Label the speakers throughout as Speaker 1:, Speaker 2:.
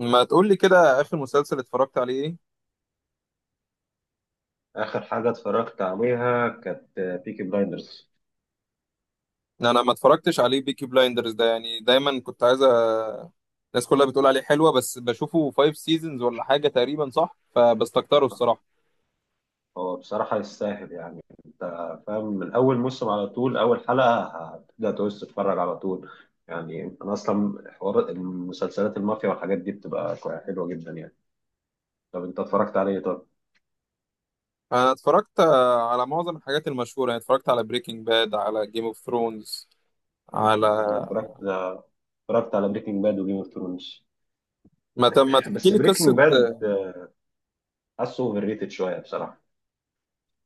Speaker 1: ما تقول لي كده اخر مسلسل اتفرجت عليه ايه؟
Speaker 2: آخر حاجة اتفرجت عليها كانت بيكي بلايندرز.
Speaker 1: انا ما اتفرجتش عليه بيكي بلايندرز ده، يعني دايما كنت عايز الناس كلها بتقول عليه حلوة، بس بشوفه فايف سيزونز ولا حاجة تقريبا، صح؟ فبستكتره الصراحة.
Speaker 2: هو بصراحة يستاهل يعني. أنت فاهم من أول موسم على طول أول حلقة هتبدأ تعوز تتفرج على طول. يعني أنا أصلا حوار المسلسلات المافيا والحاجات دي بتبقى حلوة جدا يعني. طب أنت اتفرجت عليه طب؟
Speaker 1: انا اتفرجت آه، على معظم الحاجات المشهورة، يعني اتفرجت على بريكنج باد، على جيم اوف ثرونز، على
Speaker 2: أنا اتفرجت على بريكنج باد وجيم اوف ثرونز،
Speaker 1: ما تحكي
Speaker 2: بس
Speaker 1: لي
Speaker 2: بريكنج
Speaker 1: قصة.
Speaker 2: باد حاسه اوفر ريتد شوية بصراحة.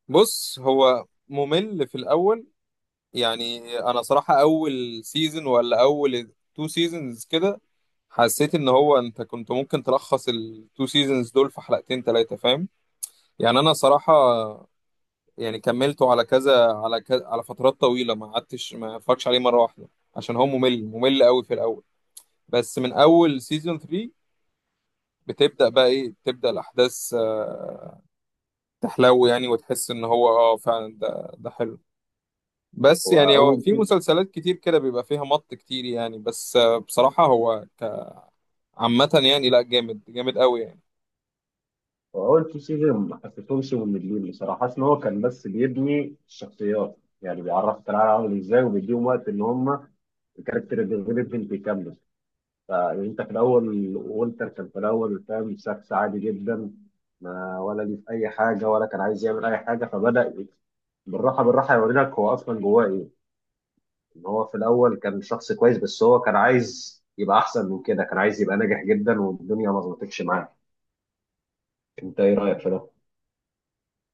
Speaker 1: بص، هو ممل في الاول، يعني انا صراحة، اول سيزون ولا اول تو سيزونز كده حسيت ان هو انت كنت ممكن تلخص التو سيزونز دول في حلقتين ثلاثه، فاهم؟ يعني انا صراحه، يعني كملته على كذا على كذا، على فترات طويله، ما قعدتش ما اتفرجش عليه مره واحده، عشان هو ممل ممل قوي في الاول. بس من اول سيزون 3، بتبدا بقى ايه، بتبدا الاحداث تحلو يعني، وتحس ان هو فعلا ده حلو. بس
Speaker 2: هو
Speaker 1: يعني هو
Speaker 2: أول
Speaker 1: في مسلسلات كتير كده بيبقى فيها مط كتير، يعني بس بصراحه هو عامه يعني، لا جامد جامد قوي يعني.
Speaker 2: هو التو سيزون ما حسيتهمش مملين بصراحه، حاسس ان هو كان بس بيبني الشخصيات، يعني بيعرفك العالم عامل ازاي وبيديهم وقت ان هم الكاركتر ديفلوبمنت يكمل. فانت في الاول وولتر كان في الاول فاهم شخص عادي جدا، ما ولا ليه في اي حاجه ولا كان عايز يعمل اي حاجه، فبدا بالراحه بالراحه يوري لك هو اصلا جواه ايه، ان هو في الاول كان شخص كويس، بس هو كان عايز يبقى احسن من كده، كان عايز يبقى ناجح جدا والدنيا ما ظبطتش معاه. انت ايه رايك في ده؟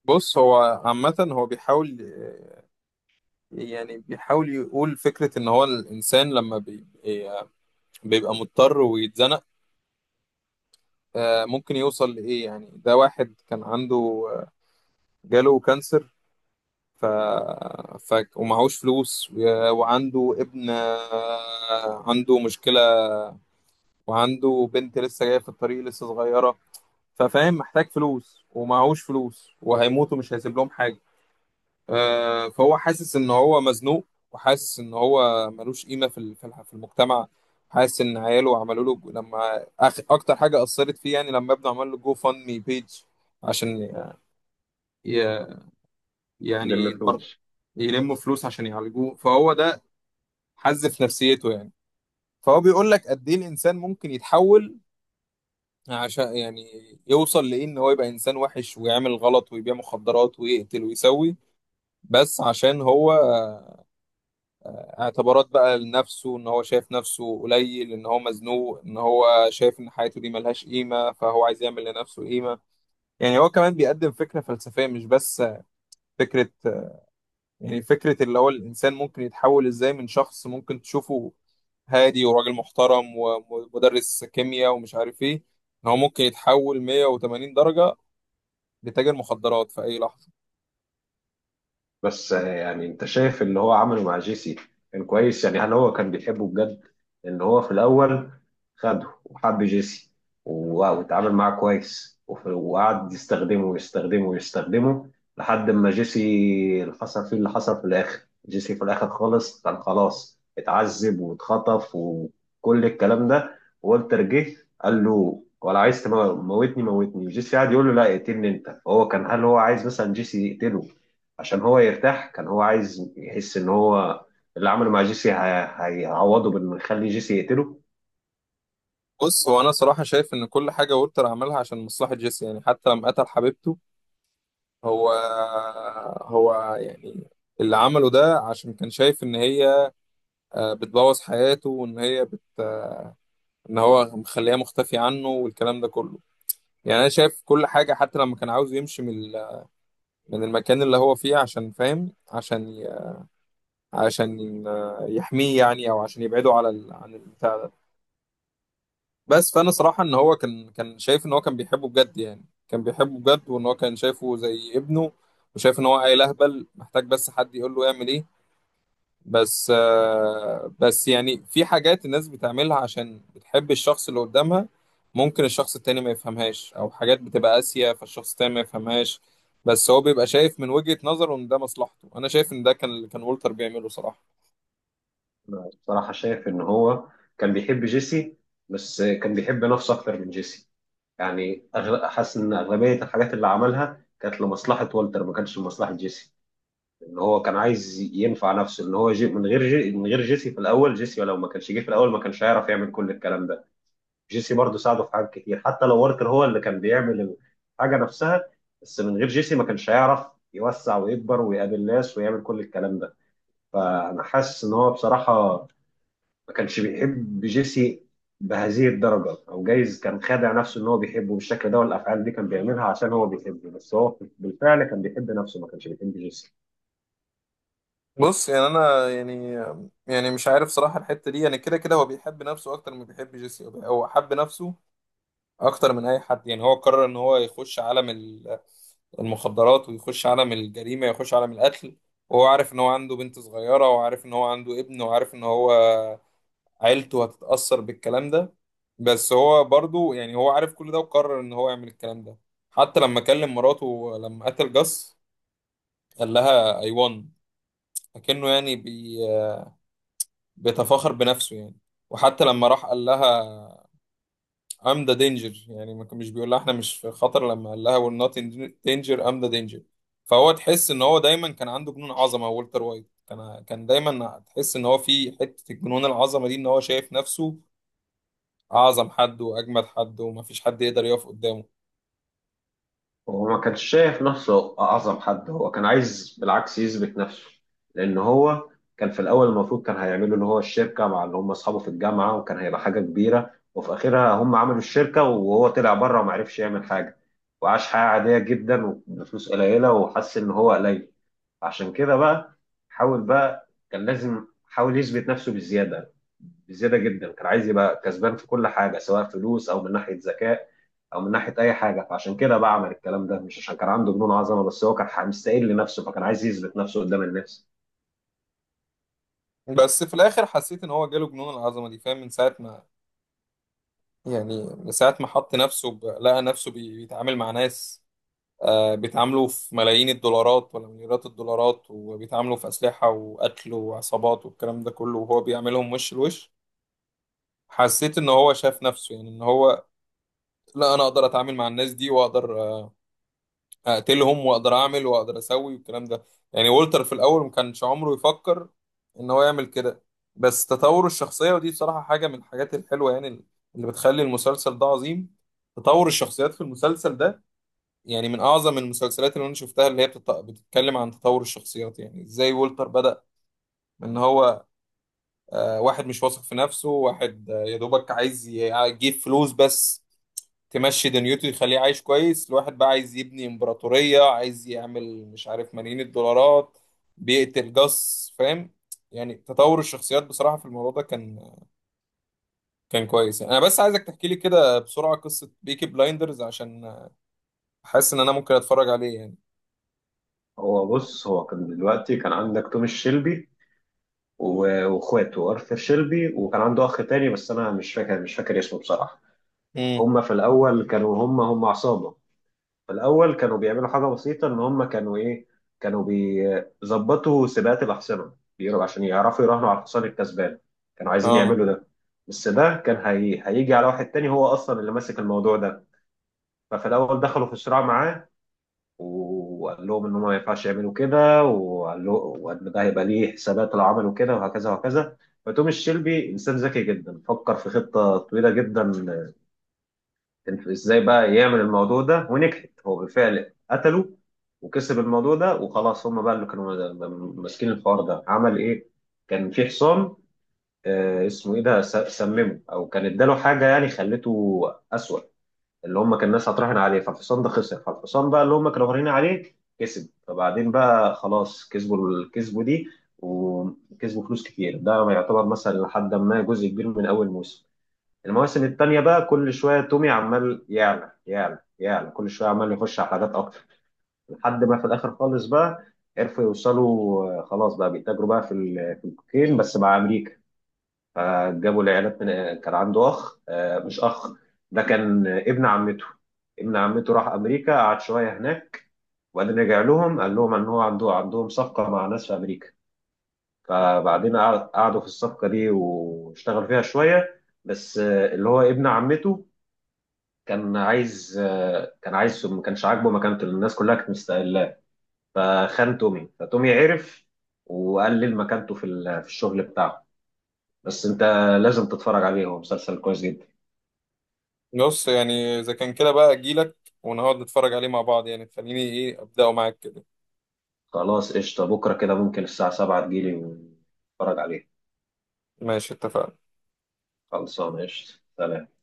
Speaker 1: بص هو عامة، هو بيحاول، يعني بيحاول يقول فكرة إن هو الإنسان لما بيبقى مضطر ويتزنق، آه، ممكن يوصل لإيه، يعني ده واحد كان عنده آه، جاله كانسر، ف... ومعهوش فلوس وعنده ابن، عنده مشكلة، وعنده بنت لسه جاية في الطريق، لسه صغيرة، ففاهم محتاج فلوس ومعهوش فلوس، وهيموت ومش هيسيب لهم حاجة. فهو حاسس ان هو مزنوق، وحاسس ان هو ملوش قيمه في ال- في الح- في المجتمع، حاسس ان عياله عملوا له اكتر حاجه اثرت فيه، يعني لما ابنه عمل له جو فاند مي بيج، عشان ي...
Speaker 2: يلم
Speaker 1: يعني برضه
Speaker 2: فلوس.
Speaker 1: يلموا فلوس عشان يعالجوه، فهو ده حز في نفسيته يعني. فهو بيقول لك قد ايه الانسان ممكن يتحول، عشان يعني يوصل لايه؟ ان هو يبقى انسان وحش ويعمل غلط ويبيع مخدرات ويقتل ويسوي، بس عشان هو اعتبارات بقى لنفسه، ان هو شايف نفسه قليل، ان هو مزنوق، ان هو شايف ان حياته دي ملهاش قيمة، فهو عايز يعمل لنفسه قيمة. يعني هو كمان بيقدم فكرة فلسفية، مش بس فكرة، يعني فكرة اللي هو الانسان ممكن يتحول ازاي من شخص ممكن تشوفه هادي وراجل محترم ومدرس كيمياء ومش عارف ايه، ان هو ممكن يتحول 180 درجة لتاجر مخدرات في اي لحظة.
Speaker 2: بس يعني انت شايف اللي هو عمله مع جيسي كان كويس؟ يعني هل هو كان بيحبه بجد، ان هو في الاول خده وحب جيسي، واتعامل معاه كويس، وقعد يستخدمه ويستخدمه ويستخدمه لحد ما جيسي اللي حصل فيه اللي حصل في الاخر؟ جيسي في الاخر خالص كان خلاص اتعذب واتخطف وكل الكلام ده، والتر جه قال له ولا عايز تموتني موتني، جيسي قاعد يقول له لا اقتلني انت. هو كان، هل هو عايز مثلا جيسي يقتله عشان هو يرتاح؟ كان هو عايز يحس ان هو اللي عمله مع جيسي هيعوضه بانه يخلي جيسي يقتله؟
Speaker 1: بص، هو انا صراحة شايف ان كل حاجة وولتر عملها عشان مصلحة جيسي، يعني حتى لما قتل حبيبته، هو هو يعني اللي عمله ده عشان كان شايف ان هي بتبوظ حياته، وان هي ان هو مخليها مختفي عنه، والكلام ده كله، يعني انا شايف كل حاجه، حتى لما كان عاوز يمشي من المكان اللي هو فيه، عشان فاهم، عشان يحميه يعني، او عشان يبعده عن البتاع ده. بس فانا صراحه ان هو كان شايف ان هو كان بيحبه بجد، يعني كان بيحبه بجد، وان هو كان شايفه زي ابنه، وشايف ان هو عيل اهبل، محتاج بس حد يقول له يعمل ايه. بس يعني في حاجات الناس بتعملها عشان بتحب الشخص اللي قدامها، ممكن الشخص التاني ما يفهمهاش، او حاجات بتبقى قاسية فالشخص التاني ما يفهمهاش، بس هو بيبقى شايف من وجهة نظره ان ده مصلحته. انا شايف ان ده كان اللي كان وولتر بيعمله صراحة.
Speaker 2: انا بصراحه شايف ان هو كان بيحب جيسي، بس كان بيحب نفسه اكتر من جيسي. يعني حاسس ان اغلبيه الحاجات اللي عملها كانت لمصلحه والتر، ما كانتش لمصلحه جيسي. ان هو كان عايز ينفع نفسه، ان هو جي من غير جي من غير جيسي في الاول. جيسي لو ما كانش جه في الاول ما كانش هيعرف يعمل كل الكلام ده. جيسي برضه ساعده في حاجات كتير، حتى لو واركر هو اللي كان بيعمل الحاجه نفسها، بس من غير جيسي ما كانش هيعرف يوسع ويكبر ويقابل ناس ويعمل كل الكلام ده. فانا حاسس ان هو بصراحه ما كانش بيحب جيسي بهذه الدرجه، او جايز كان خادع نفسه ان هو بيحبه بالشكل ده والافعال دي كان بيعملها عشان هو بيحبه، بس هو بالفعل كان بيحب نفسه، ما كانش بيحب جيسي.
Speaker 1: بص يعني انا يعني مش عارف صراحة الحتة دي، يعني كده كده هو بيحب نفسه اكتر ما بيحب جيسي، هو حب نفسه اكتر من اي حد، يعني هو قرر ان هو يخش عالم المخدرات ويخش عالم الجريمة، يخش عالم القتل، وهو عارف ان هو عنده بنت صغيرة، وعارف ان هو عنده ابن، وعارف ان هو عيلته هتتأثر بالكلام ده. بس هو برضو يعني، هو عارف كل ده وقرر ان هو يعمل الكلام ده. حتى لما كلم مراته لما قتل جاس، قال لها I won، فكأنه يعني بيتفاخر بنفسه يعني. وحتى لما راح قال لها ام ذا دينجر، يعني ما كان مش بيقول لها احنا مش في خطر، لما قال لها وير نوت ان دينجر، ام ذا دينجر. فهو تحس ان هو دايما كان عنده جنون عظمه، والتر وايت كان دايما تحس ان هو في حته الجنون العظمه دي، ان هو شايف نفسه اعظم حد واجمد حد ومفيش حد يقدر يقف قدامه.
Speaker 2: هو ما كانش شايف نفسه أعظم حد، هو كان عايز بالعكس يثبت نفسه، لأن هو كان في الأول المفروض كان هيعملوا اللي هو الشركة مع اللي هم أصحابه في الجامعة، وكان هيبقى حاجة كبيرة، وفي آخرها هم عملوا الشركة وهو طلع بره وما عرفش يعمل حاجة، وعاش حياة عادية جدا وبفلوس قليلة وحس إن هو قليل. عشان كده بقى حاول بقى، كان لازم حاول يثبت نفسه بالزيادة، بزياده جدا، كان عايز يبقى كسبان في كل حاجه، سواء فلوس او من ناحيه ذكاء او من ناحيه اي حاجه، فعشان كده بقى عمل الكلام ده، مش عشان كان عنده جنون عظمه، بس هو كان مستقل لنفسه، فكان عايز يثبت نفسه قدام الناس.
Speaker 1: بس في الاخر حسيت ان هو جاله جنون العظمه دي، فاهم؟ من ساعه ما يعني من ساعه ما حط نفسه لقى نفسه بيتعامل مع ناس، بيتعاملوا في ملايين الدولارات ولا مليارات الدولارات، وبيتعاملوا في أسلحة وقتل وعصابات والكلام ده كله، وهو بيعملهم وش لوش. حسيت ان هو شاف نفسه، يعني ان هو، لا انا اقدر اتعامل مع الناس دي، واقدر اقتلهم، واقدر اعمل واقدر اسوي والكلام ده. يعني وولتر في الاول ما كانش عمره يفكر ان هو يعمل كده. بس تطور الشخصية، ودي بصراحة حاجة من الحاجات الحلوة يعني، اللي بتخلي المسلسل ده عظيم، تطور الشخصيات في المسلسل ده، يعني من اعظم المسلسلات اللي انا شفتها، اللي هي بتتكلم عن تطور الشخصيات، يعني ازاي وولتر بدأ من ان هو واحد مش واثق في نفسه، واحد يا دوبك عايز يجيب فلوس بس تمشي دنيته، يخليه عايش كويس، لواحد بقى عايز يبني امبراطورية، عايز يعمل مش عارف ملايين الدولارات، بيقتل جاس، فاهم؟ يعني تطور الشخصيات بصراحة في الموضوع ده كان كويس يعني. انا بس عايزك تحكي لي كده بسرعة قصة بيكي بلايندرز، عشان حاسس ان انا ممكن اتفرج عليه يعني.
Speaker 2: هو بص، هو كان دلوقتي كان عندك توماس شيلبي واخواته ارثر شيلبي، وكان عنده اخ تاني بس انا مش فاكر اسمه بصراحه.
Speaker 1: امم
Speaker 2: هم في الاول كانوا هم عصابه. في الأول كانوا بيعملوا حاجة بسيطة، إن هم كانوا إيه، كانوا بيظبطوا سباقات الأحصنة بيقولوا عشان يعرفوا يراهنوا على الحصان الكسبان، كانوا عايزين
Speaker 1: اه
Speaker 2: يعملوا ده. بس ده كان هيجي على واحد تاني هو أصلا اللي ماسك الموضوع ده. ففي الأول دخلوا في صراع معاه وقال لهم إن هم ما ينفعش يعملوا كده، وقال له وإن ده هيبقى ليه حسابات لو عملوا كده، وهكذا وهكذا. فتوماس شيلبي إنسان ذكي جدا، فكر في خطة طويلة جدا ازاي بقى يعمل الموضوع ده ونجحت، هو بالفعل قتله وكسب الموضوع ده، وخلاص هم بقى اللي كانوا ماسكين الحوار ده. عمل ايه؟ كان في حصان، اسمه ايه ده، سممه او كان اداله حاجه يعني خلته اسوأ، اللي هم كان الناس هتراهن عليه، فالحصان ده خسر، فالحصان بقى اللي هم كانوا راهنين عليه كسب، فبعدين بقى خلاص الكسبوا دي، وكسبوا فلوس كتير. ده يعتبر مثلا لحد ما جزء كبير من اول موسم. المواسم التانية بقى كل شوية تومي عمال يعلى يعلى يعلى، كل شوية عمال يخش على حاجات أكتر، لحد ما في الآخر خالص بقى عرفوا يوصلوا، خلاص بقى بيتاجروا بقى في الكوكين بس مع أمريكا. فجابوا العيالات من، كان عنده أخ، مش أخ، ده كان ابن عمته. ابن عمته راح أمريكا قعد شوية هناك، وبعدين رجع لهم قال لهم إن هو عندهم صفقة مع ناس في أمريكا. فبعدين قعدوا في الصفقة دي واشتغل فيها شوية، بس اللي هو ابن عمته كان عايز، ما كانش عاجبه مكانته لأن الناس كلها كانت مستقلاه، فخان تومي، فتومي عرف وقلل مكانته في الشغل بتاعه. بس انت لازم تتفرج عليه، هو مسلسل كويس جدا.
Speaker 1: بص يعني اذا كان كده بقى، اجيلك ونقعد نتفرج عليه مع بعض، يعني خليني ايه ابداه معاك كده.
Speaker 2: خلاص قشطة، بكرة كده ممكن الساعة 7 تجيلي ونتفرج عليه.
Speaker 1: ماشي اتفقنا.
Speaker 2: خلصانة قشطة سلام.